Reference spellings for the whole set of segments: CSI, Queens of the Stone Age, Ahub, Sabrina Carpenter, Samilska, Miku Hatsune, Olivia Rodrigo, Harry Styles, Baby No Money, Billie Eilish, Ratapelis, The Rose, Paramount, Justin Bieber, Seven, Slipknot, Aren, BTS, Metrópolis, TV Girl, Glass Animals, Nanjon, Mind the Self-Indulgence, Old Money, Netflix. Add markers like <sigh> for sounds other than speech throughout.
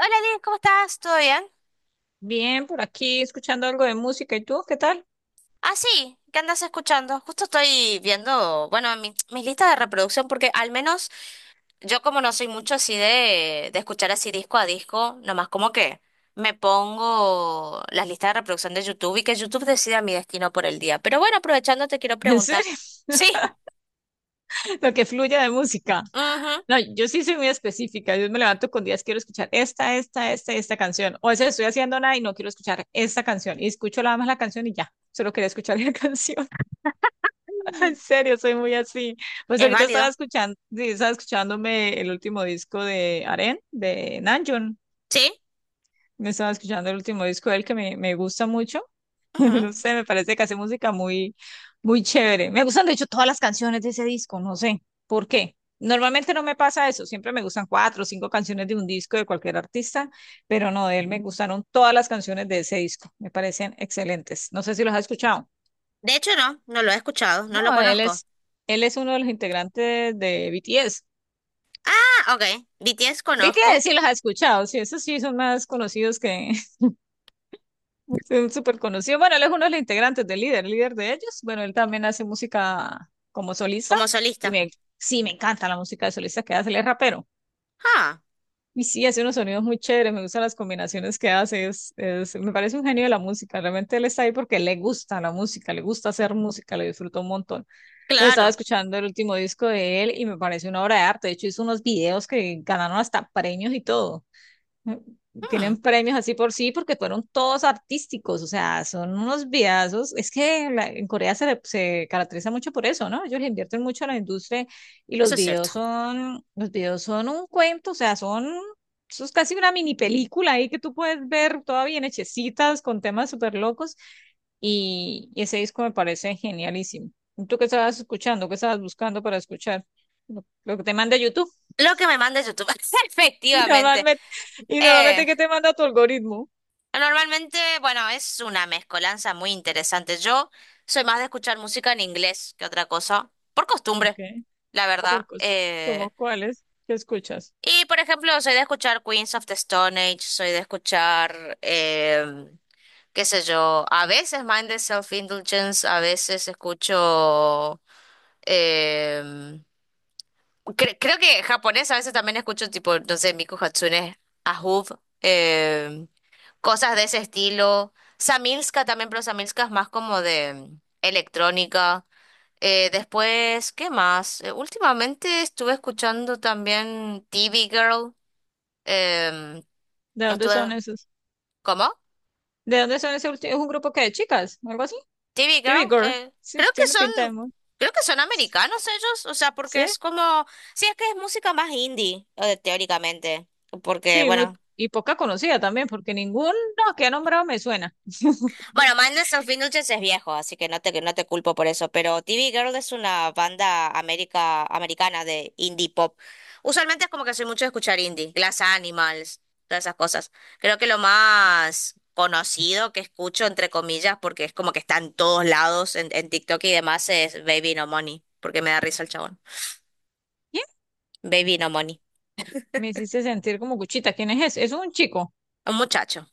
Hola, Liz, ¿cómo estás? ¿Todo bien? Bien, por aquí escuchando algo de música. ¿Y tú qué tal? Ah, sí, ¿qué andas escuchando? Justo estoy viendo, bueno, mi lista de reproducción, porque al menos yo como no soy mucho así de escuchar así disco a disco, nomás como que me pongo las listas de reproducción de YouTube y que YouTube decida mi destino por el día. Pero bueno, aprovechando te quiero ¿En preguntar. serio? Sí, <laughs> Lo que fluya de música. ujú, No, yo sí soy muy específica. Yo me levanto con días, quiero escuchar y esta canción. O a veces estoy haciendo nada y no quiero escuchar esta canción. Y escucho nada más la canción y ya. Solo quería escuchar la <laughs> canción. En serio, soy muy así. Pues es ahorita estaba válido. escuchando, sí, estaba escuchándome el último disco de Aren, de Nanjon. Sí, Me estaba escuchando el último disco de él que me gusta mucho. <laughs> ujú. No sé, me parece que hace música muy, muy chévere. Me gustan, de hecho, todas las canciones de ese disco, no sé por qué. Normalmente no me pasa eso, siempre me gustan cuatro o cinco canciones de un disco de cualquier artista, pero no, de él me gustaron todas las canciones de ese disco, me parecen excelentes. No sé si los has escuchado. De hecho no, no lo he escuchado, no lo No, él conozco. es, él es uno de los integrantes de BTS. Ah, ok, BTS BTS conozco sí los has escuchado, sí, esos sí son más conocidos que, es súper conocido. Bueno, él es uno de los integrantes del líder, el líder de ellos. Bueno, él también hace música como solista como y solista. Sí, me encanta la música de solista que hace, él es rapero. Ah, Y sí, hace unos sonidos muy chéveres, me gustan las combinaciones que hace, me parece un genio de la música. Realmente él está ahí porque le gusta la música, le gusta hacer música, le disfruta un montón. Entonces estaba claro. escuchando el último disco de él y me parece una obra de arte. De hecho, hizo unos videos que ganaron hasta premios y todo. mm, Mm, Tienen premios así por sí porque fueron todos artísticos, o sea, son unos videazos. Es que en Corea se, se caracteriza mucho por eso, ¿no? Ellos le invierten mucho a la industria y los eso es videos cierto. son, los videos son un cuento, o sea, eso es casi una mini película ahí que tú puedes ver toda bien hechecitas con temas súper locos y ese disco me parece genialísimo. ¿Tú qué estabas escuchando? ¿Qué estabas buscando para escuchar? Lo que te manda YouTube. <laughs> Lo que me manda YouTube. <laughs> Y Efectivamente. normalmente, y normalmente, Eh, ¿qué te manda tu algoritmo? normalmente, bueno, es una mezcolanza muy interesante. Yo soy más de escuchar música en inglés que otra cosa, por Ok, costumbre, la verdad. ¿Cómo cuáles que escuchas? Por ejemplo, soy de escuchar Queens of the Stone Age, soy de escuchar, qué sé yo, a veces Mind the Self-Indulgence, a veces escucho... em, Creo que japonés a veces también escucho tipo, no sé, Miku Hatsune, Ahub, cosas de ese estilo. Samilska también, pero Samilska es más como de electrónica. Después, ¿qué más? Últimamente estuve escuchando también TV Girl. em, ¿De dónde estuve, son esos? ¿Cómo? ¿De dónde son ese último? ¿Es un grupo que de chicas? ¿O algo así? TV TV Girl. Girl. Sí, Creo que tiene pinta de son, muy. creo que son americanos ellos, o sea, porque Sí, es como, sí, es que es música más indie, teóricamente, porque sí, muy, bueno. y poca conocida también, porque ninguno que ha nombrado me suena. <laughs> Bueno, Madness of Indulgence es viejo, así que no te culpo por eso, pero TV Girl es una banda América, americana de indie pop. Usualmente es como que soy mucho de escuchar indie, Glass Animals, todas esas cosas. Creo que lo más conocido que escucho, entre comillas, porque es como que está en todos lados, en TikTok y demás, es Baby No Money, porque me da risa el chabón. ¿Quién? Baby No Money, Me hiciste sentir como cuchita. ¿Quién es ese? Es un chico. un muchacho.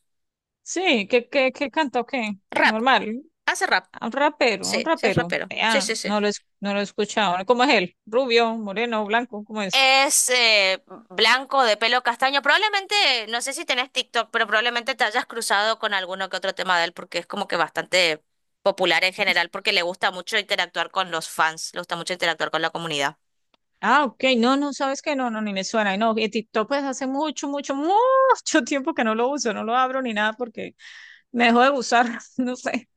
Sí, ¿qué cantó qué? Rap, Normal. Hace rap, Ah, un rapero, un sí, sí es rapero. rapero, sí, Vean, sí, sí. No lo he escuchado. ¿Cómo es él? ¿Rubio, moreno, blanco? ¿Cómo es? Es blanco de pelo castaño. Probablemente, no sé si tenés TikTok, pero probablemente te hayas cruzado con alguno que otro tema de él porque es como que bastante popular en general porque le gusta mucho interactuar con los fans, le gusta mucho interactuar con la comunidad. Ah, ok, no, no, sabes que no, no, ni me suena, no, y TikTok pues hace mucho, mucho, mucho <laughs> tiempo que no lo uso, no lo abro ni nada porque me dejó de gustar, <laughs> no sé,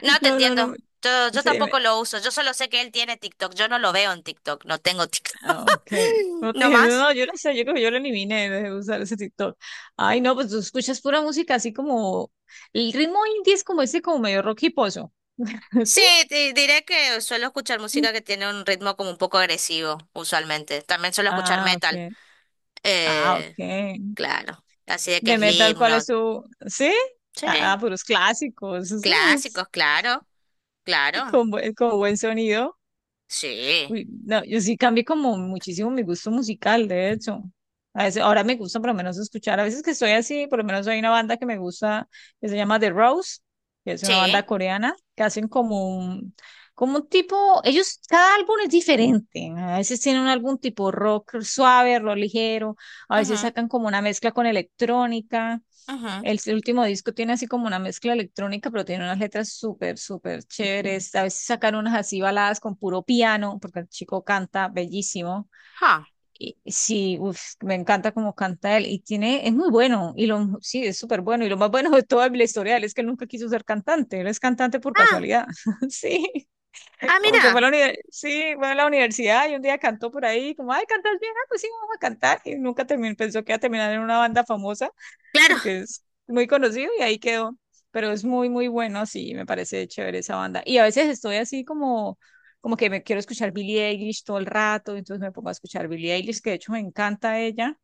No te no, no, no, entiendo. Yo sí, tampoco lo uso. Yo solo sé que él tiene TikTok. Yo no lo veo en TikTok. No tengo TikTok. ah, ok, <laughs> no, No más. no, yo no sé, yo creo que yo lo eliminé, dejé de usar ese TikTok. Ay, no, pues tú escuchas pura música así como el ritmo indie es como ese, como medio rock y pozo, <laughs> ¿sí? Sí, te diré que suelo escuchar música que tiene un ritmo como un poco agresivo, usualmente. También suelo escuchar Ah, metal. ok, ah, Eh, ok, Claro, así de que de metal, ¿cuál es Slipknot. su, sí? Sí, Ah, ah, puros clásicos, esos. clásicos, claro, <laughs> Y claro. Con buen sonido. Sí, Uy, no, yo sí cambié como muchísimo mi gusto musical, de hecho. A veces, ahora me gusta por lo menos escuchar, a veces que estoy así, por lo menos hay una banda que me gusta, que se llama The Rose, que es una sí. banda coreana, que hacen como un tipo, ellos, cada álbum es diferente, a veces tienen algún tipo rock suave, rock ligero, a veces Ujú, sacan como una mezcla con electrónica, ujú. el último disco tiene así como una mezcla electrónica, pero tiene unas letras súper, súper chéveres. A veces sacan unas así baladas con puro piano, porque el chico canta bellísimo. Ah, Y sí, uf, me encanta cómo canta él. Y tiene, es muy bueno. Sí, es súper bueno. Y lo más bueno de toda la historia de él es que él nunca quiso ser cantante. Él es cantante por ah, casualidad. <laughs> Sí, ah, como que fue a mira. la, univer- sí, fue a la universidad y un día cantó por ahí, como, ay, cantas bien, ah, pues sí, vamos a cantar. Y nunca terminó, pensó que iba a terminar en una banda famosa Claro, porque es muy conocido y ahí quedó. Pero es muy, muy bueno, sí, me parece chévere esa banda. Y a veces estoy así como que me quiero escuchar Billie Eilish todo el rato, entonces me pongo a escuchar Billie Eilish, que de hecho me encanta ella,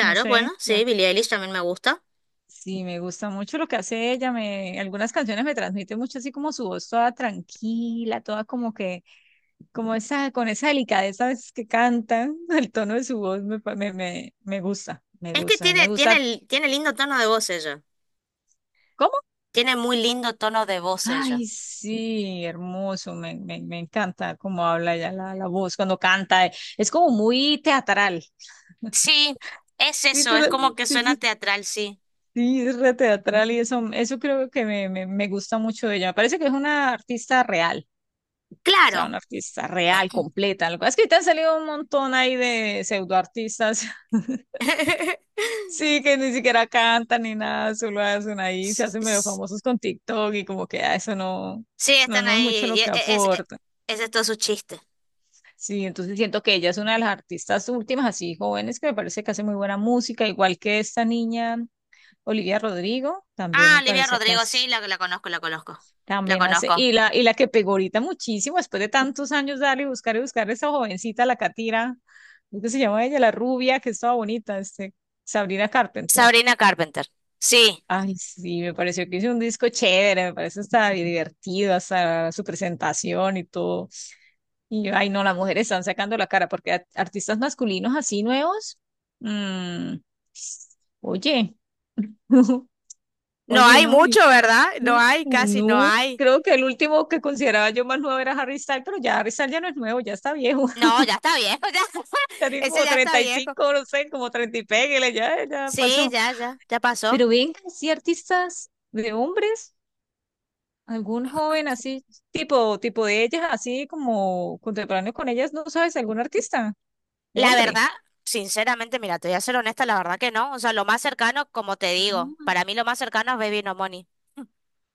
no sé, bueno, sí, Billie Eilish también me gusta. sí, me gusta mucho lo que hace ella, algunas canciones me transmiten mucho así como su voz toda tranquila, toda como que, como esa, con esa delicadeza a veces que canta, <laughs> el tono de su voz me Es que gusta, y me gusta. Tiene lindo tono de voz ella. ¿Cómo? Tiene muy lindo tono de voz ella. Ay, sí, hermoso, me encanta cómo habla ella la voz cuando canta, es como muy teatral. Sí, es Sí, eso, es como que sí, suena teatral, sí. sí, es re teatral y eso creo que me gusta mucho de ella. Me parece que es una artista real, o sea, Claro. una artista real, completa. Lo que pasa es que te han salido un montón ahí de pseudoartistas, <laughs> sí, <laughs> que ni siquiera cantan ni nada, solo hacen ahí, se S- hacen medio s- famosos con TikTok y como que ah, eso no, Sí, no, están no es ahí. mucho lo que aporta. Ese es todo su chiste. Sí, entonces siento que ella es una de las artistas últimas, así jóvenes, que me parece que hace muy buena música, igual que esta niña Olivia Rodrigo, también Ah, me Olivia parece que Rodrigo, hace, sí, la conozco, la conozco. La también hace, conozco. y la que pegó ahorita muchísimo, después de tantos años darle y buscar esa jovencita, la Catira, ¿cómo que se llama ella? La rubia, que estaba bonita, Sabrina Carpenter. Sabrina Carpenter. Sí. Ay, sí, me pareció que hizo un disco chévere, me parece hasta divertido, hasta su presentación y todo. Y yo, ay, no, las mujeres están sacando la cara porque artistas masculinos así nuevos. mm, Oye, <laughs> No oye, hay no, mucho, ¿verdad? No mm, hay, casi no no, hay. creo que el último que consideraba yo más nuevo era Harry Styles, pero ya Harry Styles ya no es nuevo, ya está viejo, <laughs> No, ya está viejo, ya. ya <laughs> tiene Ese como ya está treinta y viejo. cinco no sé, como 30 y pégale, ya Sí, pasó. Ya pasó. Pero ven, sí, artistas de hombres, algún joven así, tipo de ellas, así como contemporáneo con ellas, ¿no sabes? ¿Algún artista de La hombre? verdad, sinceramente, mira, te voy a ser honesta, la verdad que no. O sea, lo más cercano, como te digo, para mí lo más cercano es Baby No Money.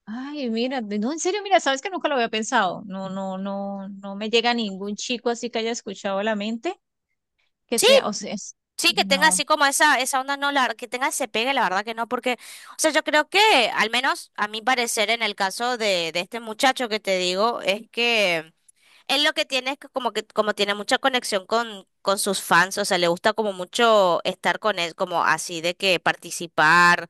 Ay, mira, no, en serio, mira, sabes que nunca lo había pensado. No, no, no, no me llega ningún chico así que haya escuchado la mente, que Sí. sea, o sea, Sí, que tenga no, así como esa onda, no, la, que tenga ese pegue, la verdad que no, porque, o sea, yo creo que, al menos a mi parecer, en el caso de este muchacho que te digo, es que él lo que tiene es que, como tiene mucha conexión con sus fans, o sea, le gusta como mucho estar con él, como así de que participar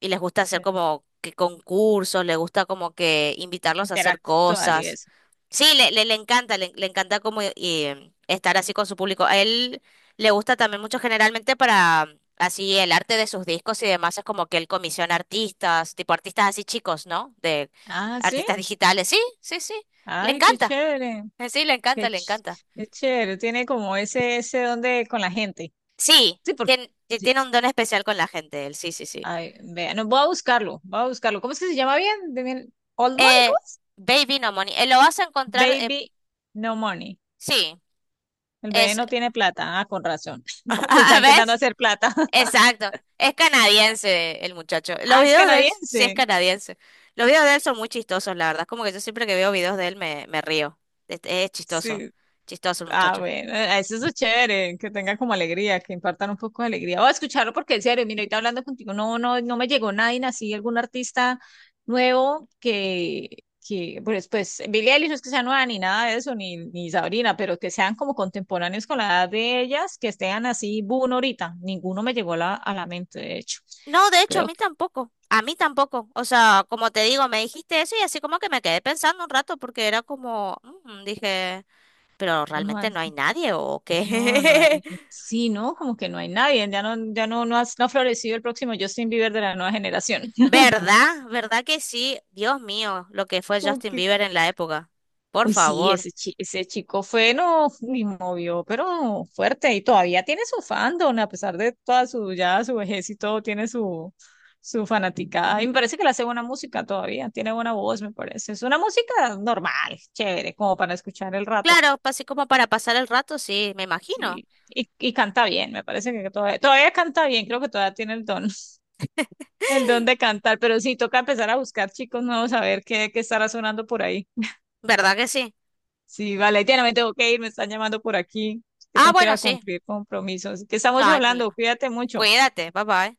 y les gusta hacer que como que concursos, les gusta como que invitarlos a hacer interactuar y cosas. eso. Sí, le encanta, le encanta como estar así con su público. A él le gusta también mucho generalmente para así el arte de sus discos y demás, es como que él comisiona artistas, tipo artistas así chicos, ¿no? De Ah, sí. artistas digitales. Sí, sí, sí, le Ay, qué encanta. chévere, Sí, le encanta, qué, le ch- encanta. qué chévere. Tiene como ese don de con la gente. Sí, Sí, porque, tiene, sí. tiene un don especial con la gente, él, sí, sí, sí. Ay, vea, no, voy a buscarlo, voy a buscarlo. ¿Cómo es que se llama bien? Old Money, Eh, ¿cómo es? Baby No Money, lo vas a encontrar, Baby No Money. sí. El bebé Es, no tiene plata. Ah, con razón. <laughs> <laughs> Está ¿a- intentando ¿ves? hacer plata. Exacto. Es canadiense el muchacho. Los Ah, es videos de él sí es canadiense. canadiense. Los videos de él son muy chistosos, la verdad. Es como que yo siempre que veo videos de él me río. Es chistoso. Sí. Chistoso el Ah, muchacho. bueno, eso es lo chévere, que tenga como alegría, que impartan un poco de alegría. O escucharlo porque en serio, mira, ahorita hablando contigo, no, no, no me llegó nadie, así algún artista nuevo que, pues, Billie Eilish no es que sea nueva ni nada de eso, ni Sabrina, pero que sean como contemporáneos con la edad de ellas, que estén así, boom, ahorita. Ninguno me llegó a la mente, de hecho. No, de hecho, a Creo mí que tampoco. A mí tampoco. O sea, como te digo, me dijiste eso y así como que me quedé pensando un rato porque era como, "Mm", dije, pero no. realmente no hay nadie o No, no qué. hay, sí, ¿no? Como que no hay nadie, ya no, ya no, no ha florecido el próximo Justin Bieber de la nueva generación. <laughs> <laughs> ¿Verdad? ¿Verdad que sí? Dios mío, lo que fue Como Justin que, Bieber en la época. Por uy, sí, favor. Ese chico fue, no, y movió, pero fuerte, y todavía tiene su fandom, a pesar de toda su, ya su vejez y todo, tiene su fanaticada, y me parece que le hace buena música todavía, tiene buena voz, me parece, es una música normal, chévere, como para escuchar el rato, Claro, pues, así como para pasar el rato, sí, me imagino. sí, y canta bien, me parece que todavía, todavía canta bien, creo que todavía tiene el don. El don de cantar, pero sí, toca empezar a buscar chicos nuevos, a ver qué estará sonando por ahí. ¿Verdad que sí? Sí, vale, Diana, me tengo que ir, me están llamando por aquí, que Ah, tengo que ir bueno, a sí. cumplir compromisos. ¿Qué No estamos hay hablando? problema. Cuídate mucho. Cuídate, papá.